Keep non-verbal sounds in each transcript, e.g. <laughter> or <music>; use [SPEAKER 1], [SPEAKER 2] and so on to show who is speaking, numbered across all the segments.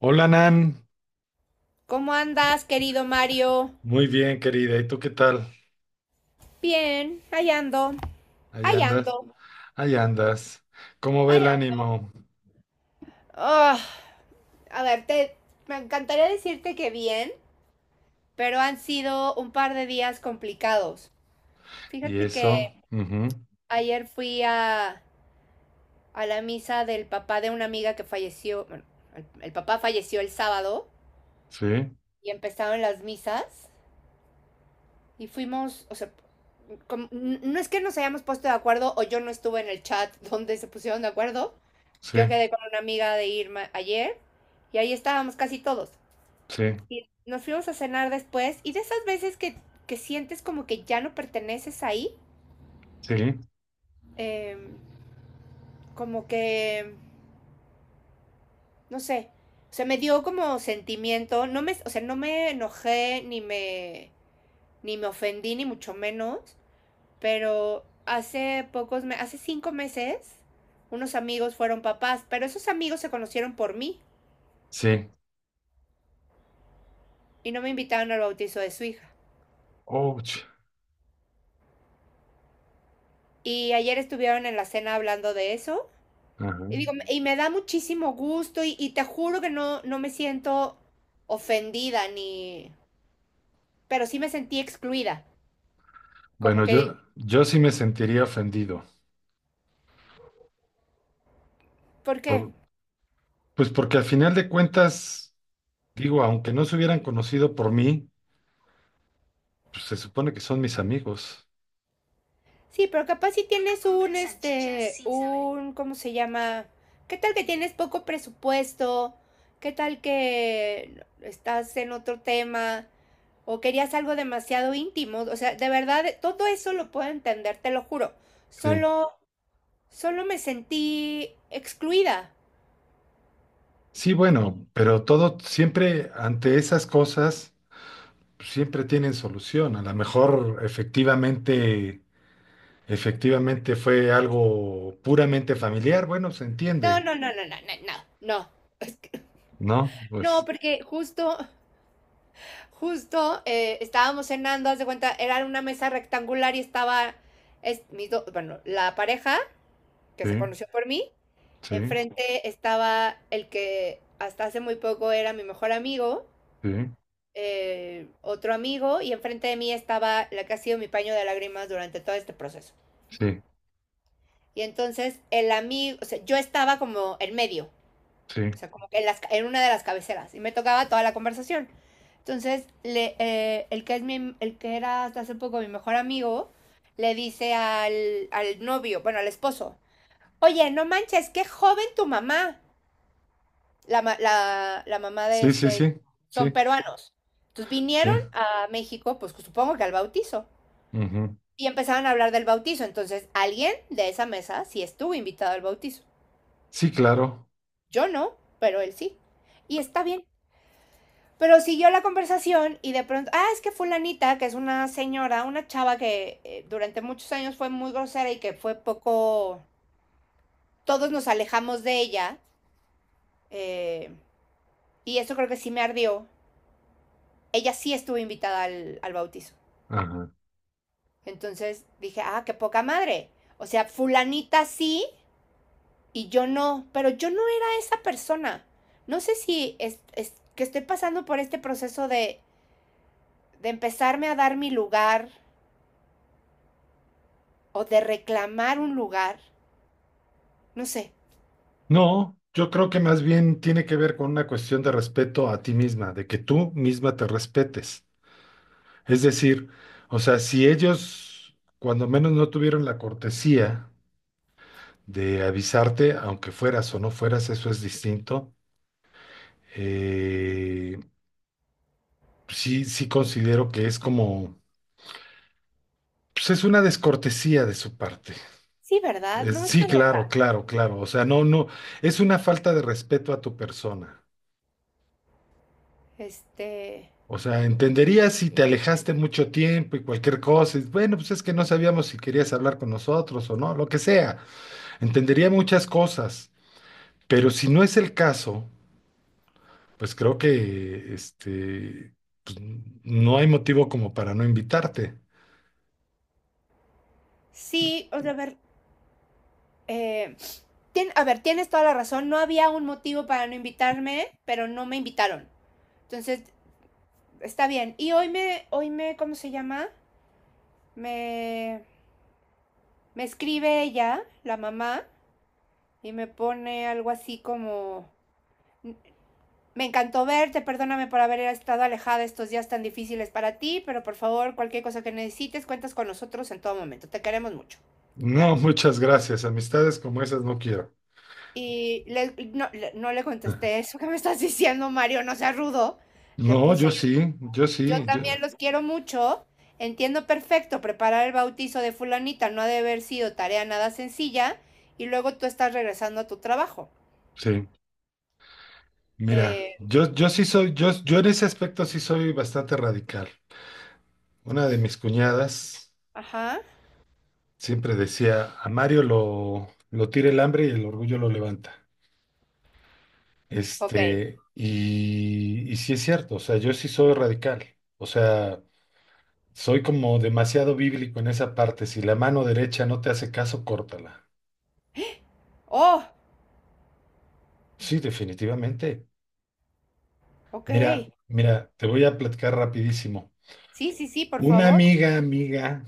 [SPEAKER 1] Hola Nan,
[SPEAKER 2] ¿Cómo andas, querido Mario?
[SPEAKER 1] muy bien querida, ¿y tú qué tal?
[SPEAKER 2] Bien, ahí ando,
[SPEAKER 1] ¿Allá
[SPEAKER 2] ahí
[SPEAKER 1] andas?
[SPEAKER 2] ando,
[SPEAKER 1] ¿Allá andas? ¿Cómo ve
[SPEAKER 2] ahí
[SPEAKER 1] el
[SPEAKER 2] ando.
[SPEAKER 1] ánimo?
[SPEAKER 2] Ah, a ver, te, Me encantaría decirte que bien, pero han sido un par de días complicados.
[SPEAKER 1] ¿Y
[SPEAKER 2] Fíjate que
[SPEAKER 1] eso? Ujú,
[SPEAKER 2] ayer fui a, a la misa del papá de una amiga que falleció. Bueno, el papá falleció el sábado
[SPEAKER 1] sí,
[SPEAKER 2] y empezaron las misas. Y fuimos, o sea, como- no es que nos hayamos puesto de acuerdo, o yo no estuve en el chat <laughs> donde se pusieron de acuerdo.
[SPEAKER 1] sí,
[SPEAKER 2] Yo quedé con una amiga de Irma ayer y ahí estábamos casi todos.
[SPEAKER 1] sí,
[SPEAKER 2] Y nos fuimos a cenar después, y de esas veces que sientes como que ya no perteneces ahí,
[SPEAKER 1] sí,
[SPEAKER 2] eh, como que, no sé, o sea, me dio como sentimiento. O sea, no me enojé ni me ofendí ni mucho menos, pero hace pocos meses, hace cinco meses, unos amigos fueron papás, pero esos amigos se conocieron por mí
[SPEAKER 1] sí.
[SPEAKER 2] y no me invitaron al bautizo de su hija.
[SPEAKER 1] Ouch.
[SPEAKER 2] Y ayer estuvieron en la cena hablando de eso. Y,
[SPEAKER 1] Ajá.
[SPEAKER 2] digo, y me da muchísimo gusto, y te juro que no, no me siento ofendida ni... Pero sí me sentí excluida. Como
[SPEAKER 1] Bueno,
[SPEAKER 2] que,
[SPEAKER 1] yo sí me sentiría ofendido.
[SPEAKER 2] ¿por qué?
[SPEAKER 1] por- pues porque al final de cuentas, digo, aunque no se hubieran conocido por mí, pues se supone que son mis amigos.
[SPEAKER 2] Sí, pero capaz si tienes un, este, un, ¿cómo se llama? ¿Qué tal que tienes poco presupuesto? ¿Qué tal que estás en otro tema? ¿O querías algo demasiado íntimo? O sea, de verdad, todo eso lo puedo entender, te lo juro.
[SPEAKER 1] Sí,
[SPEAKER 2] Solo, Solo me sentí excluida.
[SPEAKER 1] sí, bueno, pero todo siempre ante esas cosas. Siempre tienen solución. A lo mejor efectivamente fue algo puramente familiar, bueno, se
[SPEAKER 2] No,
[SPEAKER 1] entiende,
[SPEAKER 2] no, no, no, no, no, no, no. <laughs>
[SPEAKER 1] ¿no?
[SPEAKER 2] No,
[SPEAKER 1] Pues
[SPEAKER 2] porque justo estábamos cenando, haz de cuenta, era una mesa rectangular, y estaba bueno, la pareja que se
[SPEAKER 1] sí,
[SPEAKER 2] conoció por mí,
[SPEAKER 1] sí,
[SPEAKER 2] enfrente estaba el que hasta hace muy poco era mi mejor amigo,
[SPEAKER 1] sí,
[SPEAKER 2] otro amigo, y enfrente de mí estaba la que ha sido mi paño de lágrimas durante todo este proceso.
[SPEAKER 1] sí,
[SPEAKER 2] Y entonces el amigo, o sea, yo estaba como en medio.
[SPEAKER 1] sí,
[SPEAKER 2] O sea, como que en, en una de las cabeceras. Y me tocaba toda la conversación. Entonces, que es el que era hasta hace poco mi mejor amigo, le dice al novio, bueno, al esposo, oye, no manches, qué joven tu mamá. La mamá de
[SPEAKER 1] sí, sí,
[SPEAKER 2] este,
[SPEAKER 1] sí,
[SPEAKER 2] son
[SPEAKER 1] sí,
[SPEAKER 2] peruanos. Entonces
[SPEAKER 1] sí,
[SPEAKER 2] vinieron a México, pues supongo que al bautizo.
[SPEAKER 1] ujú.
[SPEAKER 2] Y empezaron a hablar del bautizo. Entonces, alguien de esa mesa sí estuvo invitado al bautizo.
[SPEAKER 1] Sí, claro.
[SPEAKER 2] Yo no, pero él sí. Y está bien. Pero siguió la conversación y de pronto, ah, es que fulanita, que es una señora, una chava que durante muchos años fue muy grosera, y que fue poco, todos nos alejamos de ella, eh, y eso creo que sí me ardió, ella sí estuvo invitada al bautizo.
[SPEAKER 1] Ajá.
[SPEAKER 2] Entonces dije, ah, qué poca madre. O sea, fulanita sí y yo no, pero yo no era esa persona. No sé si es que estoy pasando por este proceso de empezarme a dar mi lugar o de reclamar un lugar, no sé.
[SPEAKER 1] No, yo creo que más bien tiene que ver con una cuestión de respeto a ti misma, de que tú misma te respetes. Es decir, o sea, si ellos cuando menos no tuvieron la cortesía, de avisarte, aunque fueras o no fueras, eso es distinto. Eh, sí, sí considero que es como, pues es una descortesía de su parte.
[SPEAKER 2] Sí, ¿verdad? No,
[SPEAKER 1] Sí,
[SPEAKER 2] estoy loca.
[SPEAKER 1] claro, claro, claro. O sea, no, no, es una falta de respeto a tu persona.
[SPEAKER 2] Este,
[SPEAKER 1] O sea, entendería si te alejaste mucho tiempo y cualquier cosa. Y bueno, pues es que no sabíamos si querías hablar con nosotros o no, lo que sea. Entendería muchas cosas. Pero si no es el caso, pues creo que pues, no hay motivo como para no invitarte.
[SPEAKER 2] sí, o sea, a ver, eh, a ver, tienes toda la razón, no había un motivo para no invitarme, pero no me invitaron. Entonces, está bien. Y hoy me, ¿cómo se llama? Me, Me escribe ella, la mamá, y me pone algo así como, me encantó verte, perdóname por haber estado alejada estos días tan difíciles para ti, pero por favor, cualquier cosa que necesites, cuentas con nosotros en todo momento. Te queremos mucho. Bla.
[SPEAKER 1] No, <laughs> muchas gracias. Amistades como esas no quiero.
[SPEAKER 2] Y no, no le
[SPEAKER 1] <laughs>
[SPEAKER 2] contesté eso que me estás diciendo, Mario, no seas rudo. Le
[SPEAKER 1] No,
[SPEAKER 2] puse,
[SPEAKER 1] yo sí, yo
[SPEAKER 2] yo
[SPEAKER 1] sí, yo
[SPEAKER 2] también los quiero mucho. Entiendo perfecto, preparar el bautizo de fulanita no ha de haber sido tarea nada sencilla, y luego tú estás regresando a tu trabajo.
[SPEAKER 1] sí. Mira,
[SPEAKER 2] Eh,
[SPEAKER 1] yo en ese aspecto sí soy bastante radical. Una de mis cuñadas
[SPEAKER 2] ajá,
[SPEAKER 1] siempre decía, a Mario lo tira el hambre y el orgullo lo levanta.
[SPEAKER 2] ok.
[SPEAKER 1] Y sí es cierto, o sea, yo sí soy radical. O sea, soy como demasiado bíblico en esa parte. Si la mano derecha no te hace caso, córtala.
[SPEAKER 2] Oh,
[SPEAKER 1] Sí, definitivamente.
[SPEAKER 2] ok.
[SPEAKER 1] Mira, mira, te voy a platicar rapidísimo.
[SPEAKER 2] Sí, sí, sí, por
[SPEAKER 1] Una
[SPEAKER 2] favor.
[SPEAKER 1] amiga, amiga,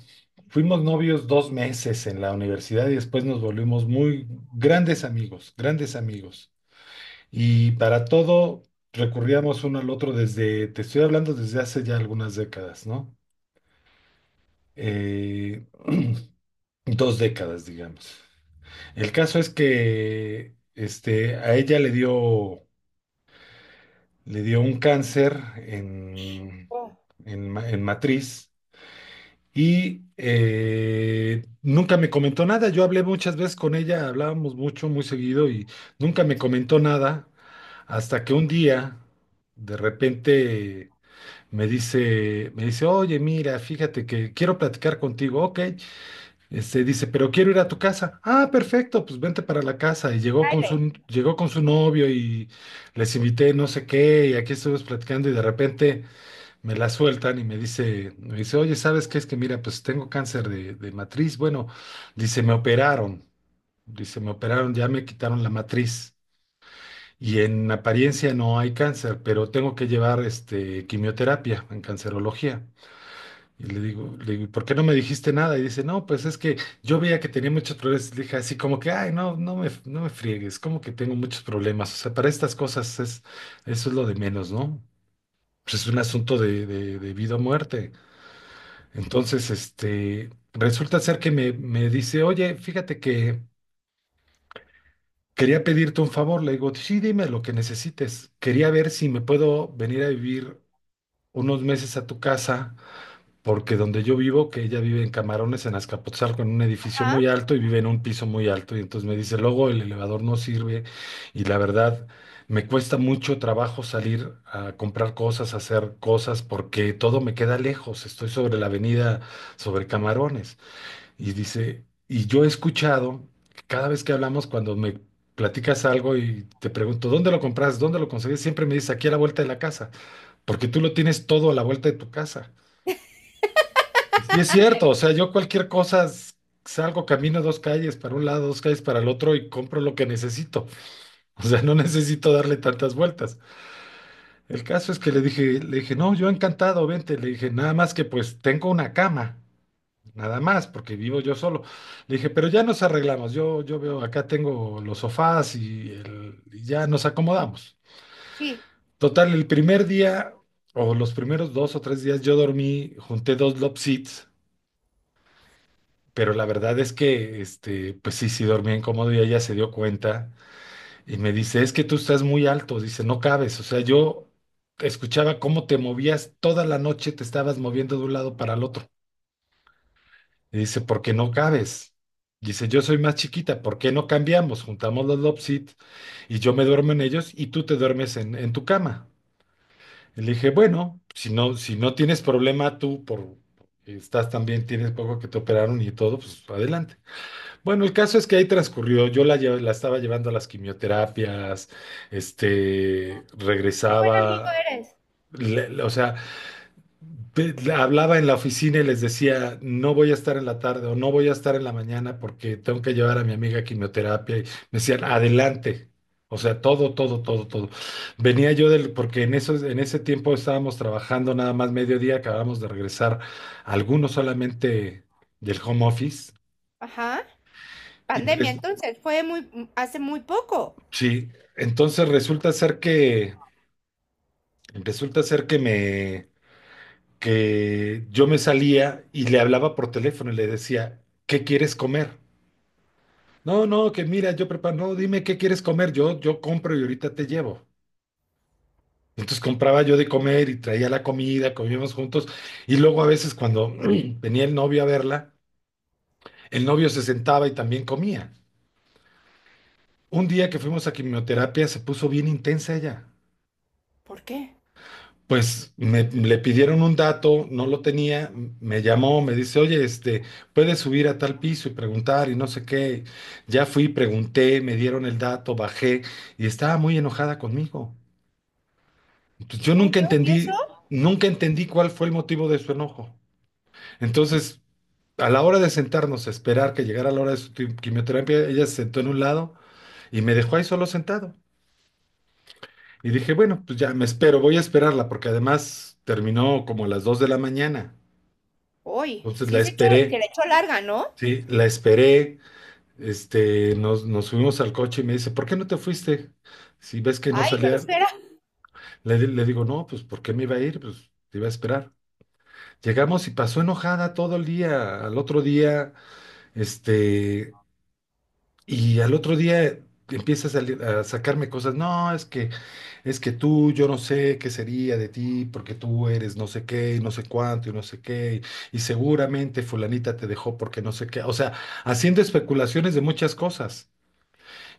[SPEAKER 1] fuimos novios dos meses en la universidad y después nos volvimos muy grandes amigos, grandes amigos. Y para todo recurríamos uno al otro desde, te estoy hablando desde hace ya algunas décadas, ¿no? Eh, <clears throat> dos décadas, digamos. El caso es que a ella le dio, un cáncer en,
[SPEAKER 2] Oh.
[SPEAKER 1] en, ma- en matriz y nunca me comentó nada. Yo hablé muchas veces con ella, hablábamos mucho, muy seguido y nunca me comentó nada hasta que un día de repente me dice, oye, mira, fíjate que quiero platicar contigo. Ok, dice, pero quiero ir a tu casa. Ah, perfecto, pues vente para la casa. Y
[SPEAKER 2] Riley,
[SPEAKER 1] llegó con su novio y les invité no sé qué, y aquí estuvimos platicando y de repente me la sueltan y me dice, oye, ¿sabes qué? Es que mira, pues tengo cáncer de matriz. Bueno, dice, me operaron. Dice, me operaron, ya me quitaron la matriz. Y en apariencia no hay cáncer, pero tengo que llevar quimioterapia en cancerología. Y le digo, ¿por qué no me dijiste nada? Y dice, no, pues es que yo veía que tenía muchos problemas. Le dije así como que, ay, no, no me friegues, como que tengo muchos problemas. O sea, para estas cosas es, eso es lo de menos, ¿no? Pues es un asunto de vida o muerte. Entonces, resulta ser que me dice, oye, fíjate que quería pedirte un favor. Le digo, sí, dime lo que necesites. Quería ver si me puedo venir a vivir unos meses a tu casa porque donde yo vivo, que ella vive en Camarones, en Azcapotzalco, en un edificio
[SPEAKER 2] ajá,
[SPEAKER 1] muy alto y vive en un piso muy alto. Y entonces me dice, luego el elevador no sirve y la verdad me cuesta mucho trabajo salir a comprar cosas, a hacer cosas, porque todo me queda lejos. Estoy sobre la avenida, sobre Camarones. Y dice, y yo he escuchado, que cada vez que hablamos, cuando me. Platicas algo y te pregunto, ¿dónde lo compras? ¿Dónde lo conseguís? Siempre me dices, aquí a la vuelta de la casa, porque tú lo tienes todo a la vuelta de tu casa. Y sí es cierto, o sea, yo cualquier cosa salgo, camino dos calles para un lado, dos calles para el otro y compro lo que necesito. <laughs> O sea, no necesito darle tantas vueltas. El caso es que le dije, no, yo encantado, vente. Le dije, nada más que pues tengo una cama, nada más, porque vivo yo solo. Le dije, pero ya nos arreglamos, yo veo, acá tengo los sofás y ya nos acomodamos.
[SPEAKER 2] sí.
[SPEAKER 1] Total, el primer día o los primeros dos o tres días yo dormí, junté dos love seats. Pero la verdad es que, pues sí, sí dormía incómodo y ella se dio cuenta y me dice, es que tú estás muy alto, dice, no cabes, o sea, yo escuchaba cómo te movías toda la noche, te estabas moviendo de un lado para el otro. Y dice, porque no cabes. Dice, yo soy más chiquita, ¿por qué no cambiamos? Juntamos los Lopsit y yo me duermo en ellos y tú te duermes en, tu cama. Y le dije, bueno, si no tienes problema tú por, estás también, tienes poco que te operaron y todo, pues adelante. Bueno, el caso es que ahí transcurrió. Yo la estaba llevando a las quimioterapias,
[SPEAKER 2] Qué buen amigo
[SPEAKER 1] regresaba,
[SPEAKER 2] eres.
[SPEAKER 1] o sea, le hablaba en la oficina y les decía, no voy a estar en la tarde o no voy a estar en la mañana porque tengo que llevar a mi amiga a quimioterapia. Y me decían, adelante. O sea, todo, todo, todo, todo. Venía yo del, porque en ese tiempo estábamos trabajando nada más mediodía, acabamos de regresar algunos solamente del home office.
[SPEAKER 2] Ajá.
[SPEAKER 1] Y
[SPEAKER 2] Pandemia,
[SPEAKER 1] res-
[SPEAKER 2] entonces, fue muy, hace muy poco.
[SPEAKER 1] Sí, entonces resulta ser que yo me salía y le hablaba por teléfono y le decía, ¿qué quieres comer? No, no, que mira, yo preparo, no, dime qué quieres comer, yo compro y ahorita te llevo. Entonces compraba yo de comer y traía la comida, comíamos juntos y luego a veces cuando <clears throat> venía el novio a verla, el novio se sentaba y también comía. Un día que fuimos a quimioterapia se puso bien intensa ella.
[SPEAKER 2] ¿Por qué?
[SPEAKER 1] Pues le pidieron un dato, no lo tenía, me llamó, me dice, oye, puedes subir a tal piso y preguntar y no sé qué. Ya fui, pregunté, me dieron el dato, bajé y estaba muy enojada conmigo. Entonces, yo
[SPEAKER 2] Ay,
[SPEAKER 1] nunca
[SPEAKER 2] Dios, ¿y eso?
[SPEAKER 1] entendí, nunca entendí cuál fue el motivo de su enojo. Entonces, a la hora de sentarnos a esperar que llegara la hora de su quimioterapia, ella se sentó en un lado y me dejó ahí solo sentado. Y dije, bueno, pues ya me espero, voy a esperarla porque además terminó como a las 2 de la mañana.
[SPEAKER 2] Uy,
[SPEAKER 1] Entonces la
[SPEAKER 2] sí se echó, se
[SPEAKER 1] esperé,
[SPEAKER 2] le echó larga, ¿no?
[SPEAKER 1] sí, la esperé, nos subimos al coche y me dice, ¿por qué no te fuiste? Si ves que no
[SPEAKER 2] Ay,
[SPEAKER 1] salía,
[SPEAKER 2] grosera.
[SPEAKER 1] le digo, no, pues ¿por qué me iba a ir? Pues te iba a esperar. Llegamos y pasó enojada todo el día, al otro día, este, y al otro día empieza a sacarme cosas, no, es que yo no sé qué sería de ti, porque tú eres no sé qué, y no sé cuánto, y no sé qué, y seguramente fulanita te dejó porque no sé qué, o sea, haciendo especulaciones de muchas cosas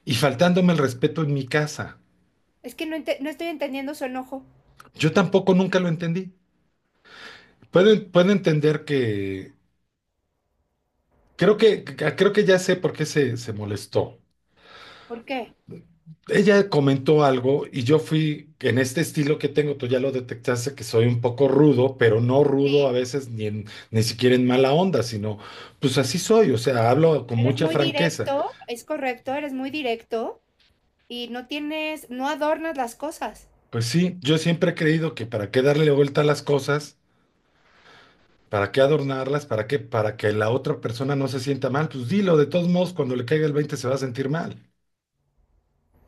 [SPEAKER 1] y faltándome el respeto en mi casa.
[SPEAKER 2] Es que no, no estoy entendiendo su enojo.
[SPEAKER 1] Yo tampoco nunca lo entendí. Puedo entender que, creo que ya sé por qué se molestó.
[SPEAKER 2] ¿Por qué?
[SPEAKER 1] Ella comentó algo y yo fui en este estilo que tengo, tú ya lo detectaste, que soy un poco rudo, pero no rudo
[SPEAKER 2] Sí,
[SPEAKER 1] a veces ni, ni siquiera en mala onda, sino pues así soy, o sea, hablo con
[SPEAKER 2] eres
[SPEAKER 1] mucha
[SPEAKER 2] muy
[SPEAKER 1] franqueza.
[SPEAKER 2] directo, es correcto, eres muy directo y no tienes, no adornas las cosas.
[SPEAKER 1] Pues sí, yo siempre he creído que para qué darle vuelta a las cosas, para qué adornarlas, para qué, para que la otra persona no se sienta mal, pues dilo, de todos modos, cuando le caiga el 20 se va a sentir mal.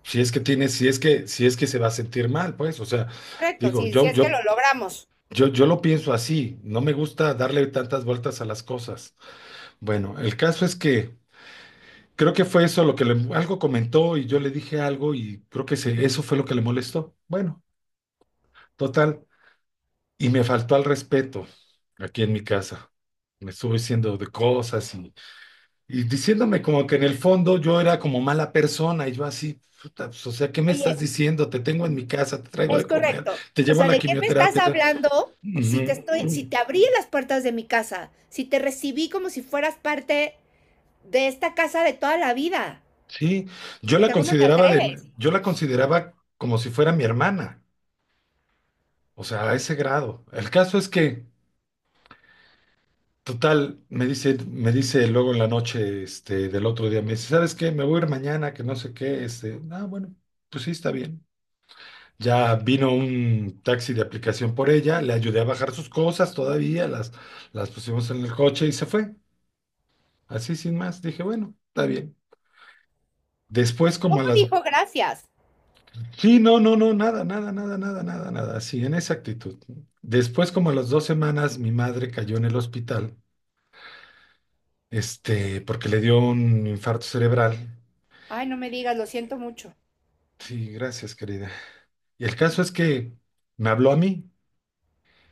[SPEAKER 1] Si es que tiene, si es que, si es que se va a sentir mal, pues, o sea,
[SPEAKER 2] Correcto,
[SPEAKER 1] digo,
[SPEAKER 2] sí, sí
[SPEAKER 1] yo,
[SPEAKER 2] es que
[SPEAKER 1] yo
[SPEAKER 2] lo logramos.
[SPEAKER 1] Yo, yo lo pienso así, no me gusta darle tantas vueltas a las cosas. Bueno, el caso es que creo que fue eso lo que algo comentó y yo le dije algo y creo que eso fue lo que le molestó. Bueno, total, y me faltó al respeto aquí en mi casa. Me estuvo diciendo de cosas y diciéndome como que en el fondo yo era como mala persona y yo así, puta, pues, o sea, ¿qué me
[SPEAKER 2] Oye,
[SPEAKER 1] estás diciendo? Te tengo en mi casa, te traigo
[SPEAKER 2] es
[SPEAKER 1] de comer,
[SPEAKER 2] correcto.
[SPEAKER 1] te
[SPEAKER 2] O
[SPEAKER 1] llevo a
[SPEAKER 2] sea,
[SPEAKER 1] la
[SPEAKER 2] ¿de qué me estás
[SPEAKER 1] quimioterapia.
[SPEAKER 2] hablando si te estoy, si
[SPEAKER 1] Ujú.
[SPEAKER 2] te abrí las puertas de mi casa, si te recibí como si fueras parte de esta casa de toda la vida?
[SPEAKER 1] Sí, yo
[SPEAKER 2] O
[SPEAKER 1] la
[SPEAKER 2] sea, ¿cómo te
[SPEAKER 1] consideraba de,
[SPEAKER 2] atreves?
[SPEAKER 1] yo la consideraba como si fuera mi hermana, o sea, a ese grado. El caso es que, total, me dice, luego en la noche, del otro día, me dice, ¿sabes qué? Me voy a ir mañana, que no sé qué, ah, bueno, pues sí, está bien. Ya vino un taxi de aplicación por ella, le ayudé a bajar sus cosas todavía, las pusimos en el coche y se fue. Así sin más, dije, bueno, está bien. Después, como
[SPEAKER 2] ¿Cómo
[SPEAKER 1] a las
[SPEAKER 2] dijo gracias?
[SPEAKER 1] Sí, no, no, no, nada, nada, nada, nada, nada, nada, sí, en esa actitud. Después, como a las dos semanas, mi madre cayó en el hospital, porque le dio un infarto cerebral.
[SPEAKER 2] Ay, no me digas, lo siento mucho.
[SPEAKER 1] Sí, gracias, querida. Y el caso es que me habló a mí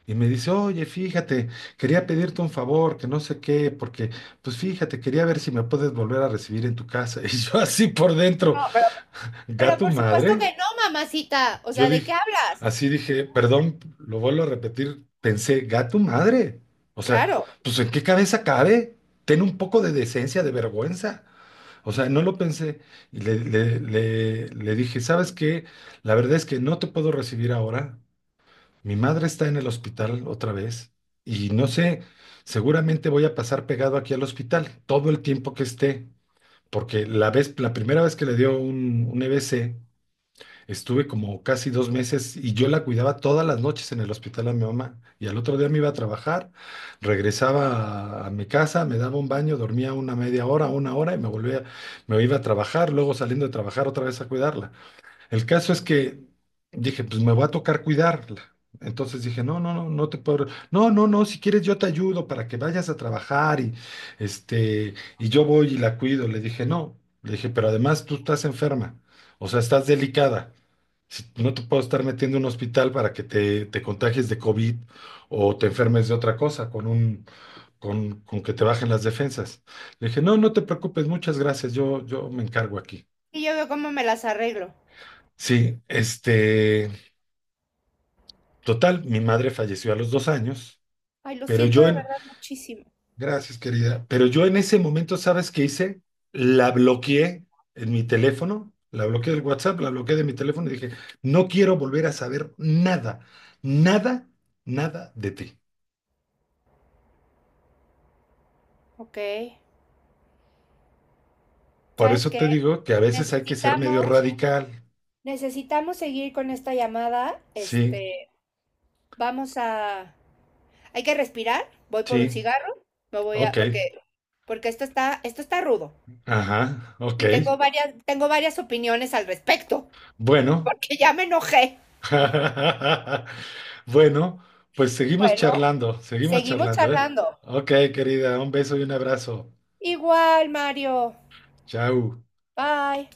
[SPEAKER 1] y me dice, oye, fíjate, quería pedirte un favor, que no sé qué, porque, pues fíjate, quería ver si me puedes volver a recibir en tu casa. <laughs> Y yo así por dentro,
[SPEAKER 2] No, pero
[SPEAKER 1] gato
[SPEAKER 2] por supuesto
[SPEAKER 1] madre.
[SPEAKER 2] que no, mamacita. O
[SPEAKER 1] Yo
[SPEAKER 2] sea, ¿de qué
[SPEAKER 1] dije,
[SPEAKER 2] hablas?
[SPEAKER 1] así dije, perdón, lo vuelvo a repetir, pensé, gato madre. O sea,
[SPEAKER 2] Claro.
[SPEAKER 1] pues ¿en qué cabeza cabe? Ten un poco de decencia, de vergüenza. O sea, no lo pensé. Y le dije, ¿sabes qué? La verdad es que no te puedo recibir ahora. Mi madre está en el hospital otra vez. Y no sé, seguramente voy a pasar pegado aquí al hospital todo el tiempo que esté. Porque la primera vez que le dio un, EBC, estuve como casi dos meses y yo la cuidaba todas las noches en el hospital a mi mamá. Y al otro día me iba a trabajar, regresaba a mi casa, me daba un baño, dormía una media hora, una hora y me volvía, me iba a trabajar, luego saliendo de trabajar otra vez a cuidarla. El caso es que dije, pues me va a tocar cuidarla. Entonces dije, no, no, no, no te puedo, no, no, no, si quieres yo te ayudo para que vayas a trabajar y este, y yo voy y la cuido. Le dije, no, le dije, pero además tú estás enferma, o sea, estás delicada. No te puedo estar metiendo en un hospital para que te contagies de COVID o te enfermes de otra cosa con un, con que te bajen las defensas. Le dije, no, no te preocupes, muchas gracias, yo me encargo aquí.
[SPEAKER 2] Y yo veo cómo me las arreglo.
[SPEAKER 1] Sí, total, mi madre falleció a los dos años,
[SPEAKER 2] Ay, lo
[SPEAKER 1] pero
[SPEAKER 2] siento de verdad muchísimo.
[SPEAKER 1] gracias querida, pero yo en ese momento, ¿sabes qué hice? La bloqueé en mi teléfono, la bloqueé del WhatsApp, la bloqueé de mi teléfono y dije, no quiero volver a saber nada, nada, nada de ti.
[SPEAKER 2] Ok.
[SPEAKER 1] Por
[SPEAKER 2] ¿Sabes
[SPEAKER 1] eso
[SPEAKER 2] qué?
[SPEAKER 1] te digo que a veces hay que ser medio
[SPEAKER 2] Necesitamos,
[SPEAKER 1] radical.
[SPEAKER 2] necesitamos seguir con esta llamada.
[SPEAKER 1] Sí,
[SPEAKER 2] Este, vamos a, hay que respirar. Voy por un
[SPEAKER 1] sí,
[SPEAKER 2] cigarro. Me voy a,
[SPEAKER 1] ok,
[SPEAKER 2] porque, porque esto está rudo.
[SPEAKER 1] ajá, ok.
[SPEAKER 2] Y tengo varias opiniones al respecto.
[SPEAKER 1] Bueno,
[SPEAKER 2] Porque ya me enojé.
[SPEAKER 1] <laughs> bueno, pues
[SPEAKER 2] Bueno,
[SPEAKER 1] seguimos
[SPEAKER 2] seguimos
[SPEAKER 1] charlando, ¿eh?
[SPEAKER 2] charlando.
[SPEAKER 1] Ok, querida, un beso y un abrazo.
[SPEAKER 2] Igual, Mario.
[SPEAKER 1] Chao.
[SPEAKER 2] Bye.